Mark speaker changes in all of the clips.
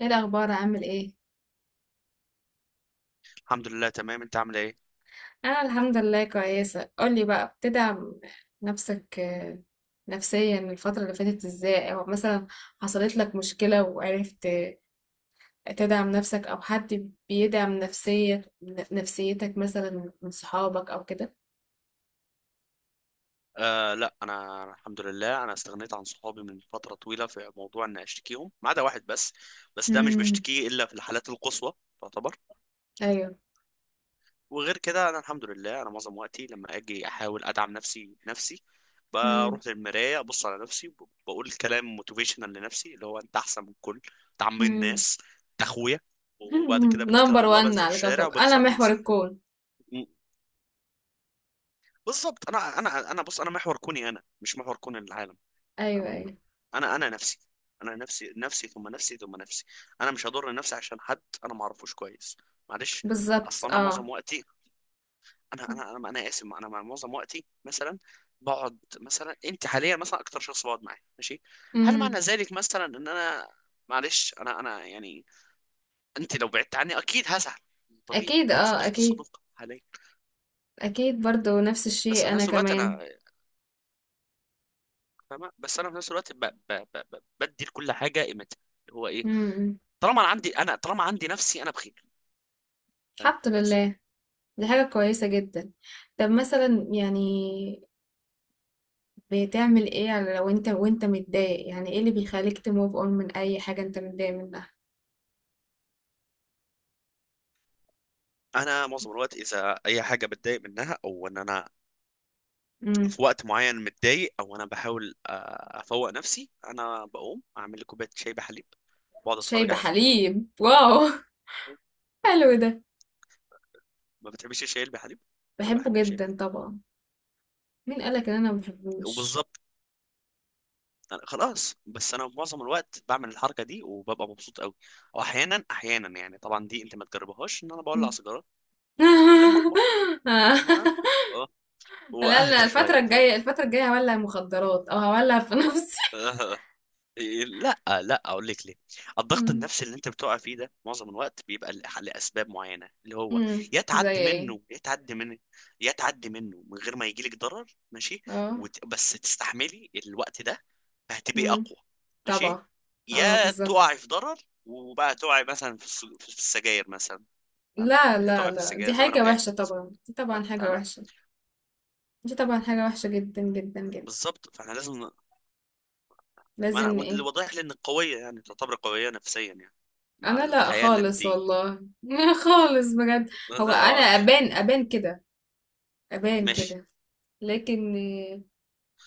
Speaker 1: ايه الاخبار؟ عامل ايه؟
Speaker 2: الحمد لله، تمام. انت عامل ايه؟
Speaker 1: انا الحمد لله كويسه. قولي بقى بتدعم نفسك نفسيا الفتره اللي فاتت ازاي، او مثلا حصلت لك مشكله وعرفت تدعم نفسك، او حد بيدعم نفسيتك مثلا من صحابك او كده؟
Speaker 2: لا، انا الحمد لله. انا استغنيت عن صحابي من فتره طويله في موضوع ان اشتكيهم، ما عدا واحد بس. بس ده مش
Speaker 1: امم.
Speaker 2: بشتكيه الا في الحالات القصوى، تعتبر.
Speaker 1: ايوه.
Speaker 2: وغير كده انا الحمد لله، انا معظم وقتي لما اجي احاول ادعم نفسي بنفسي.
Speaker 1: امم.
Speaker 2: بروح للمرايه، ابص على نفسي، بقول كلام موتيفيشنال لنفسي، اللي هو: انت احسن من الكل، انت عم
Speaker 1: امم.
Speaker 2: الناس، انت اخويا. وبعد كده بتكل على
Speaker 1: نمبر
Speaker 2: الله،
Speaker 1: وان
Speaker 2: بنزل
Speaker 1: على
Speaker 2: الشارع
Speaker 1: كوكب،
Speaker 2: وبدوس
Speaker 1: انا
Speaker 2: على
Speaker 1: محور
Speaker 2: الناس.
Speaker 1: الكون.
Speaker 2: م- بالظبط. انا بص، انا محور كوني، انا مش محور كون العالم.
Speaker 1: ايوه
Speaker 2: فاهمة؟
Speaker 1: ايوه.
Speaker 2: انا نفسي، انا نفسي نفسي ثم نفسي ثم نفسي. انا مش هضر نفسي عشان حد انا ما اعرفوش كويس، معلش.
Speaker 1: بالظبط
Speaker 2: اصلا انا معظم
Speaker 1: اه.
Speaker 2: وقتي، أنا اسف، انا معظم وقتي مثلا بقعد. مثلا انت حاليا مثلا اكتر شخص بقعد معاه، ماشي. هل
Speaker 1: امم.
Speaker 2: معنى ذلك مثلا ان انا، معلش، انا يعني، انت لو بعدت عني اكيد هزعل، طبيعي،
Speaker 1: اكيد
Speaker 2: لانك
Speaker 1: اه
Speaker 2: صديقتي
Speaker 1: اكيد.
Speaker 2: الصدوق حاليا.
Speaker 1: اكيد برضو نفس
Speaker 2: بس
Speaker 1: الشيء
Speaker 2: في
Speaker 1: انا
Speaker 2: نفس الوقت
Speaker 1: كمان.
Speaker 2: انا، فاهمه؟ بس انا في نفس الوقت بدي لكل حاجه قيمتها، اللي هو ايه؟
Speaker 1: امم.
Speaker 2: طالما انا عندي، انا طالما عندي نفسي، انا بخير. فاهمة؟
Speaker 1: الحمد
Speaker 2: بس
Speaker 1: لله. دي حاجة كويسة جدا. طب مثلا يعني بتعمل ايه لو انت وانت متضايق؟ يعني ايه اللي بيخليك تموف اون من اي حاجة انت متضايق منها؟
Speaker 2: انا معظم الوقت، اذا اي حاجه بتضايق منها، او ان انا
Speaker 1: امم.
Speaker 2: في وقت معين متضايق، او انا بحاول افوق نفسي، انا بقوم اعمل لي كوبايه شاي بحليب، بقعد
Speaker 1: شاي
Speaker 2: اتفرج على فيلم.
Speaker 1: بحليب، واو حلو ده.
Speaker 2: ما بتحبش الشاي بحليب؟ انا
Speaker 1: بحبه
Speaker 2: بحب الشاي
Speaker 1: جدا
Speaker 2: بحليب.
Speaker 1: طبعا. مين قالك ان انا ما بحبوش؟
Speaker 2: وبالظبط، أنا خلاص. بس انا معظم الوقت بعمل الحركه دي وببقى مبسوط قوي. واحيانا احيانا، يعني طبعا دي انت ما تجربهاش، ان انا بولع
Speaker 1: مم.
Speaker 2: سيجاره اللي لما احمر، فاهمة؟ اه.
Speaker 1: لا لا،
Speaker 2: واهدى
Speaker 1: الفترة
Speaker 2: شويه، فاهم.
Speaker 1: الجاية الفترة الجاية هولع مخدرات او هولع في نفسي
Speaker 2: لا لا، اقول لك ليه. الضغط
Speaker 1: امم.
Speaker 2: النفسي اللي انت بتقع فيه ده معظم الوقت بيبقى لاسباب معينه، اللي هو:
Speaker 1: امم،
Speaker 2: يا
Speaker 1: زي
Speaker 2: تعدي
Speaker 1: ايه؟
Speaker 2: منه، يا تعدي منه، يا تعدي منه من غير ما يجيلك ضرر، ماشي.
Speaker 1: اه.
Speaker 2: بس تستحملي الوقت ده فهتبقي
Speaker 1: امم.
Speaker 2: اقوى، ماشي.
Speaker 1: طبعا. اه
Speaker 2: يا
Speaker 1: بالظبط.
Speaker 2: تقعي في ضرر وبقى تقعي مثلا في في السجاير مثلا، فاهمه؟
Speaker 1: لا
Speaker 2: يا
Speaker 1: لا
Speaker 2: تقعي في
Speaker 1: لا، دي
Speaker 2: السجاير زي ما انا
Speaker 1: حاجة
Speaker 2: وقعت
Speaker 1: وحشة طبعا،
Speaker 2: مثلا،
Speaker 1: دي طبعا حاجة
Speaker 2: فاهمه؟
Speaker 1: وحشة. دي طبعا حاجة وحشة جدا جدا جدا.
Speaker 2: بالظبط. فاحنا لازم. ما
Speaker 1: لازم
Speaker 2: انا وأنت اللي
Speaker 1: ايه.
Speaker 2: واضح لي انك قويه، يعني تعتبري قويه نفسيا يعني، مع
Speaker 1: انا لا
Speaker 2: الحياه اللي انت.
Speaker 1: خالص والله خالص بجد. هو انا
Speaker 2: آه،
Speaker 1: ابان كده، ابان
Speaker 2: ماشي.
Speaker 1: كده. لكن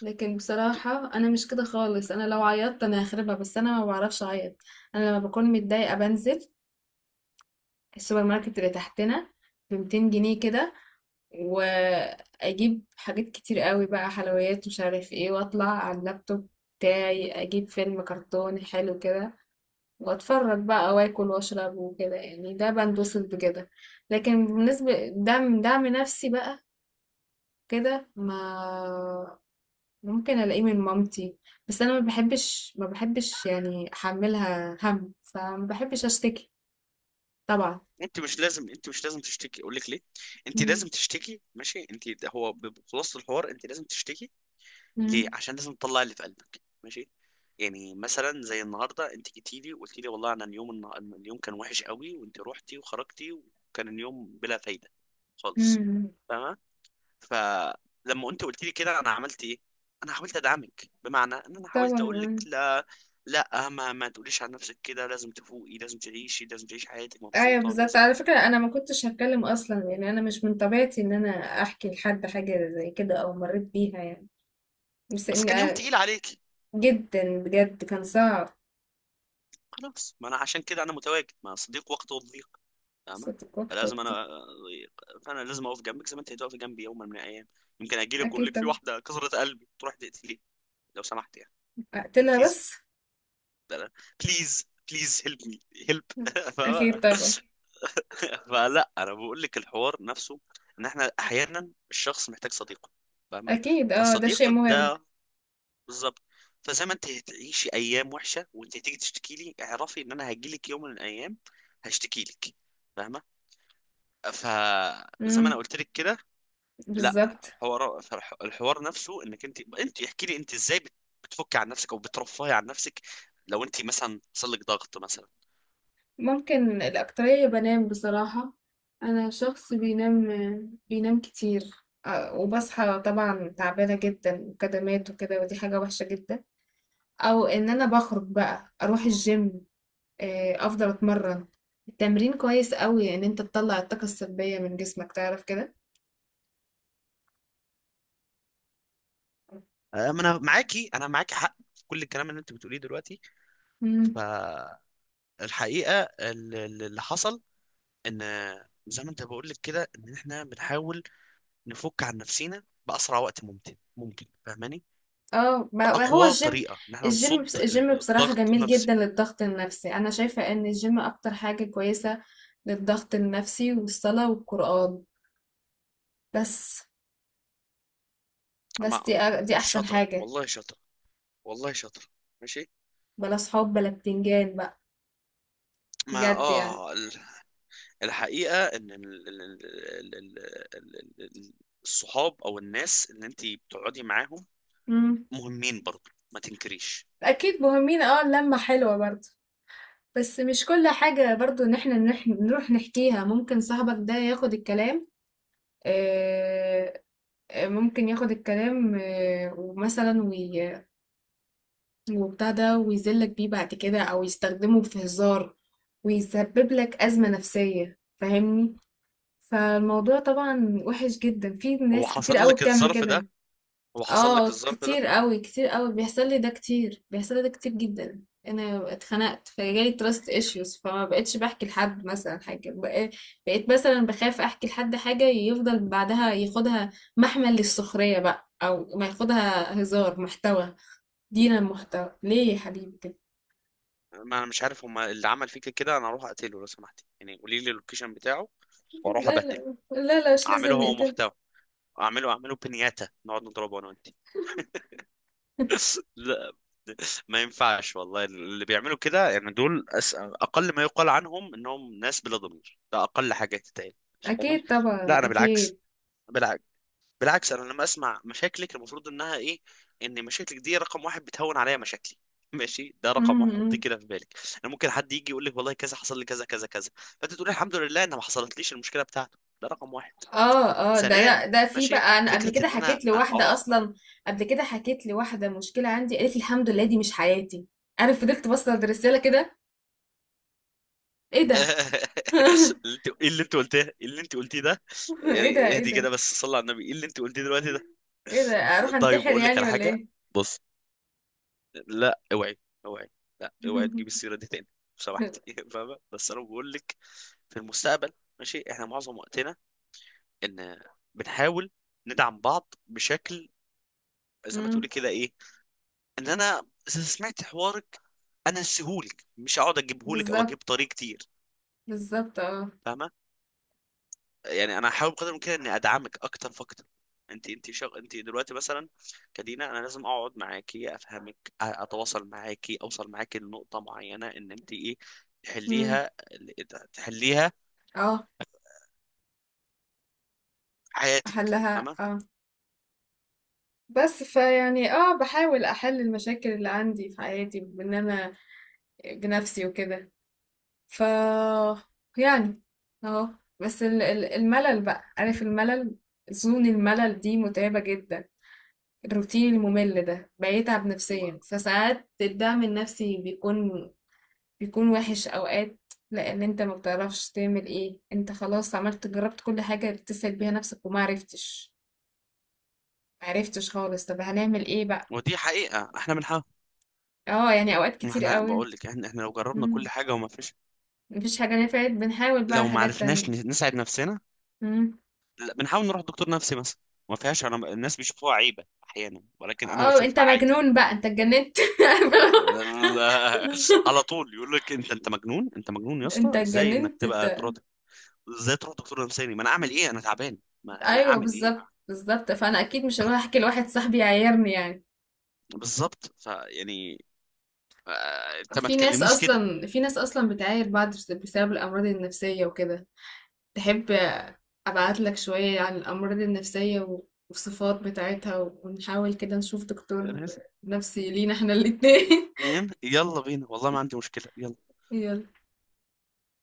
Speaker 1: لكن بصراحة انا مش كده خالص. انا لو عيطت انا هخربها، بس انا ما بعرفش اعيط. انا لما بكون متضايقة بنزل السوبر ماركت اللي تحتنا ب 200 جنيه كده، واجيب حاجات كتير قوي بقى، حلويات مش عارف ايه، واطلع على اللابتوب بتاعي، اجيب فيلم كرتون حلو كده واتفرج بقى، واكل واشرب وكده. يعني ده بنبسط بكده. لكن بالنسبة دعم نفسي بقى كده، ما ممكن الاقيه من مامتي، بس انا ما بحبش يعني احملها هم، فما بحبش اشتكي. طبعا.
Speaker 2: انت مش لازم، انت مش لازم تشتكي. اقول لك ليه؟ انت
Speaker 1: مم.
Speaker 2: لازم تشتكي، ماشي؟ انت هو بخلاصه الحوار انت لازم تشتكي. ليه؟
Speaker 1: مم.
Speaker 2: عشان لازم تطلع اللي في قلبك، ماشي؟ يعني مثلا زي النهارده انت جيتي لي وقلت لي والله انا اليوم اليوم كان وحش قوي، وانت روحتي وخرجتي، وكان اليوم بلا فايده خالص.
Speaker 1: مم.
Speaker 2: فلما انت قلت لي كده انا عملت ايه؟ انا حاولت ادعمك، بمعنى ان انا حاولت اقول لك:
Speaker 1: طبعا.
Speaker 2: لا، لا ما تقوليش عن نفسك كده، لازم تفوقي، لازم تعيشي، لازم تعيشي حياتك
Speaker 1: ايوه
Speaker 2: مبسوطه،
Speaker 1: بالظبط.
Speaker 2: ولازم
Speaker 1: على
Speaker 2: لازم.
Speaker 1: فكره انا ما كنتش هتكلم اصلا، يعني انا مش من طبيعتي ان انا احكي لحد حاجه زي كده او مريت بيها يعني، بس
Speaker 2: بس
Speaker 1: ان
Speaker 2: كان يوم
Speaker 1: آه،
Speaker 2: تقيل عليك.
Speaker 1: جدا بجد كان صعب.
Speaker 2: خلاص، ما انا عشان كده انا متواجد مع صديق وقته الضيق، فاهمه؟
Speaker 1: صوتك وقتك
Speaker 2: فلازم
Speaker 1: دي.
Speaker 2: انا، فانا لازم اقف جنبك زي ما انت هتقفي جنبي يوما من الايام. يمكن اجي لك واقول
Speaker 1: اكيد
Speaker 2: لك في
Speaker 1: طبعا.
Speaker 2: واحده كسرت قلبي، تروح تقتليه لو سمحت يعني.
Speaker 1: اقتلها
Speaker 2: بليز.
Speaker 1: بس.
Speaker 2: بليز. بليز هيلب مي. هيلب.
Speaker 1: اكيد طبعا.
Speaker 2: فلا، انا بقول لك الحوار نفسه، ان احنا احيانا الشخص محتاج صديق، فاهمه؟
Speaker 1: اكيد اه، ده شيء
Speaker 2: فالصديق
Speaker 1: مهم.
Speaker 2: ده بالظبط. فزي ما انت هتعيشي ايام وحشه وانت هتيجي تشتكي لي، اعرفي ان انا هجي لك يوم من الايام هشتكي لك، فاهمه؟ فزي ما انا
Speaker 1: امم.
Speaker 2: قلت لك كده، لا،
Speaker 1: بالظبط.
Speaker 2: الحوار الحوار نفسه، انك انت احكي لي انت ازاي بتفكي عن نفسك او بترفهي عن نفسك لو انت مثلا حصل لك ضغط مثلا.
Speaker 1: ممكن الاكتريه بنام بصراحه، انا شخص بينام كتير. وبصحى طبعا تعبانه جدا وكدمات وكده، ودي حاجه وحشه جدا. او ان انا بخرج بقى اروح الجيم، افضل اتمرن. التمرين كويس قوي ان انت تطلع الطاقة السلبية من جسمك تعرف كده.
Speaker 2: أه، ما انا معاكي، انا معاكي حق في كل الكلام اللي انت بتقوليه دلوقتي. ف،
Speaker 1: مم.
Speaker 2: الحقيقة اللي حصل، ان زي ما انت بقول لك كده، ان احنا بنحاول نفك عن نفسينا بأسرع وقت ممكن، ممكن فاهماني،
Speaker 1: اه، ما هو
Speaker 2: بأقوى
Speaker 1: الجيم.
Speaker 2: طريقة ان احنا
Speaker 1: الجيم،
Speaker 2: نصد
Speaker 1: بس الجيم بصراحة
Speaker 2: الضغط
Speaker 1: جميل
Speaker 2: النفسي
Speaker 1: جدا للضغط النفسي، انا شايفة ان الجيم اكتر حاجة كويسة للضغط النفسي، والصلاة والقرآن، بس بس
Speaker 2: مع،
Speaker 1: دي دي احسن
Speaker 2: شاطرة
Speaker 1: حاجة.
Speaker 2: والله، شاطرة، والله شاطرة، ماشي.
Speaker 1: بلا صحاب بلا بتنجان بقى،
Speaker 2: ما
Speaker 1: بجد يعني.
Speaker 2: اه ال- الحقيقة ان ال- ال- الصحاب او الناس اللي انت بتقعدي معاهم
Speaker 1: مم.
Speaker 2: مهمين برضه، ما تنكريش.
Speaker 1: اكيد مهمين، اه اللمة حلوة برضه. بس مش كل حاجة برضو ان احنا نروح نحكيها. ممكن صاحبك ده ياخد الكلام آه، ممكن ياخد الكلام، ومثلا وبتاع ده ويذلك بيه بعد كده، او يستخدمه في هزار، ويسبب لك أزمة نفسية، فاهمني؟ فالموضوع طبعا وحش جدا، في
Speaker 2: هو
Speaker 1: ناس كتير
Speaker 2: حصل
Speaker 1: قوي
Speaker 2: لك
Speaker 1: بتعمل
Speaker 2: الظرف ده،
Speaker 1: كده.
Speaker 2: هو حصل لك
Speaker 1: اه
Speaker 2: الظرف ده؟
Speaker 1: كتير قوي كتير قوي بيحصل لي ده. كتير جدا. انا اتخنقت، فجالي تراست ايشوز، فما بقتش بحكي لحد مثلا حاجه بقيت مثلا بخاف احكي لحد حاجه يفضل بعدها ياخدها محمل للسخريه بقى، او ما ياخدها هزار محتوى. دينا محتوى ليه يا حبيبي كده.
Speaker 2: ما انا مش عارف، هما اللي عمل فيك كده انا اروح اقتله لو سمحت يعني، قولي لي اللوكيشن بتاعه واروح
Speaker 1: لا
Speaker 2: ابهدله.
Speaker 1: لا لا لا، مش
Speaker 2: اعمله
Speaker 1: لازم
Speaker 2: هو
Speaker 1: نقتل
Speaker 2: محتوى، اعمله بنياتا، نقعد نضربه انا وانت. لا، ما ينفعش والله. اللي بيعملوا كده يعني دول اقل ما يقال عنهم انهم ناس بلا ضمير، ده اقل حاجه تتقال، تمام؟
Speaker 1: اكيد طبعا،
Speaker 2: لا، انا بالعكس،
Speaker 1: اكيد.
Speaker 2: بالعكس، بالعكس. انا لما اسمع مشاكلك المفروض انها ايه؟ ان مشاكلك دي رقم واحد بتهون عليا مشاكلي. ماشي، ده
Speaker 1: م-
Speaker 2: رقم واحد، حطيه
Speaker 1: م.
Speaker 2: كده في بالك. انا ممكن حد يجي يقول لك والله كذا حصل لي كذا كذا كذا، فانت تقول الحمد لله ان ما حصلتليش المشكله بتاعته، ده رقم واحد.
Speaker 1: اه. اه ده
Speaker 2: ثانيا،
Speaker 1: لا، ده في
Speaker 2: ماشي،
Speaker 1: بقى، انا قبل
Speaker 2: فكره
Speaker 1: كده
Speaker 2: ان انا
Speaker 1: حكيت
Speaker 2: ما
Speaker 1: لواحده اصلا. قبل كده حكيت لواحده مشكله عندي، قالت لي الحمد لله دي مش حياتي. انا فضلت بص على الرساله كده، ايه ده
Speaker 2: ايه اللي انت قلتيه؟ إيه اللي انت قلتيه ده؟
Speaker 1: ايه ده،
Speaker 2: يعني
Speaker 1: ايه
Speaker 2: اهدي
Speaker 1: ده.
Speaker 2: كده، بس صلي على النبي، ايه اللي انت قلتيه دلوقتي ده؟
Speaker 1: ايه ده، اروح
Speaker 2: طيب
Speaker 1: انتحر
Speaker 2: اقول لك
Speaker 1: يعني
Speaker 2: على
Speaker 1: ولا
Speaker 2: حاجه.
Speaker 1: ايه؟
Speaker 2: لا اوعي، اوعي، لا اوعي تجيب السيره دي تاني لو سمحت. فاهمه؟ بس انا بقول لك في المستقبل، ماشي؟ احنا معظم وقتنا، ان بنحاول ندعم بعض بشكل زي ما تقولي
Speaker 1: امم.
Speaker 2: كده ايه، ان انا سمعت حوارك، انا اسهولك، مش هقعد اجيبهولك او اجيب
Speaker 1: بالظبط
Speaker 2: طريق كتير،
Speaker 1: بالظبط اه.
Speaker 2: فاهمه؟ يعني انا هحاول بقدر الامكان اني ادعمك اكتر فاكتر. انت دلوقتي مثلا كدينا انا لازم اقعد معاكي، افهمك، اتواصل معاكي، اوصل معاكي لنقطه معينه، ان انت ايه،
Speaker 1: امم.
Speaker 2: تحليها، تحليها
Speaker 1: اه.
Speaker 2: في حياتك،
Speaker 1: احلها
Speaker 2: تمام.
Speaker 1: اه. بس فيعني اه بحاول احل المشاكل اللي عندي في حياتي بان انا بنفسي وكده. ف، يعني، اهو. بس الملل بقى، عارف الملل؟ زون الملل دي متعبة جدا. الروتين الممل ده بيتعب نفسيا، فساعات الدعم النفسي بيكون وحش اوقات، لان انت ما بتعرفش تعمل ايه. انت خلاص عملت، جربت كل حاجة بتسأل بيها نفسك وما عرفتش. ما عرفتش خالص، طب هنعمل ايه بقى؟
Speaker 2: ودي حقيقه، احنا بنحاول.
Speaker 1: اه يعني اوقات كتير
Speaker 2: احنا
Speaker 1: قوي.
Speaker 2: بقول لك احنا لو جربنا
Speaker 1: مم.
Speaker 2: كل حاجه وما فيش،
Speaker 1: مفيش حاجة نفعت، بنحاول بقى
Speaker 2: لو ما
Speaker 1: حاجات
Speaker 2: عرفناش
Speaker 1: تانية.
Speaker 2: نساعد نفسنا، لا، بنحاول نروح دكتور نفسي مثلا، ما فيهاش. انا الناس بيشوفوها عيبه احيانا، ولكن انا
Speaker 1: اه انت
Speaker 2: بشوفها عادي.
Speaker 1: مجنون بقى، انت اتجننت
Speaker 2: على طول يقول لك انت مجنون، انت مجنون يا
Speaker 1: انت
Speaker 2: اسطى، ازاي انك
Speaker 1: اتجننت
Speaker 2: تبقى
Speaker 1: انت.
Speaker 2: تروح؟ ازاي تروح دكتور نفساني؟ ما انا اعمل ايه انا تعبان؟ ما انا
Speaker 1: ايوه
Speaker 2: اعمل ايه؟
Speaker 1: بالظبط بالظبط، فانا اكيد مش هروح
Speaker 2: أنا-
Speaker 1: احكي لواحد صاحبي يعايرني يعني.
Speaker 2: بالظبط. فيعني انت ما
Speaker 1: في ناس
Speaker 2: تكلمنيش كده.
Speaker 1: اصلا في ناس اصلا بتعاير بعض بسبب الامراض النفسيه وكده. تحب ابعت لك شويه عن الامراض النفسيه والصفات بتاعتها، ونحاول كده نشوف دكتور نفسي لينا احنا الاتنين؟
Speaker 2: فاهم؟ يلا بينا والله، ما عندي مشكلة. يلا.
Speaker 1: يلا.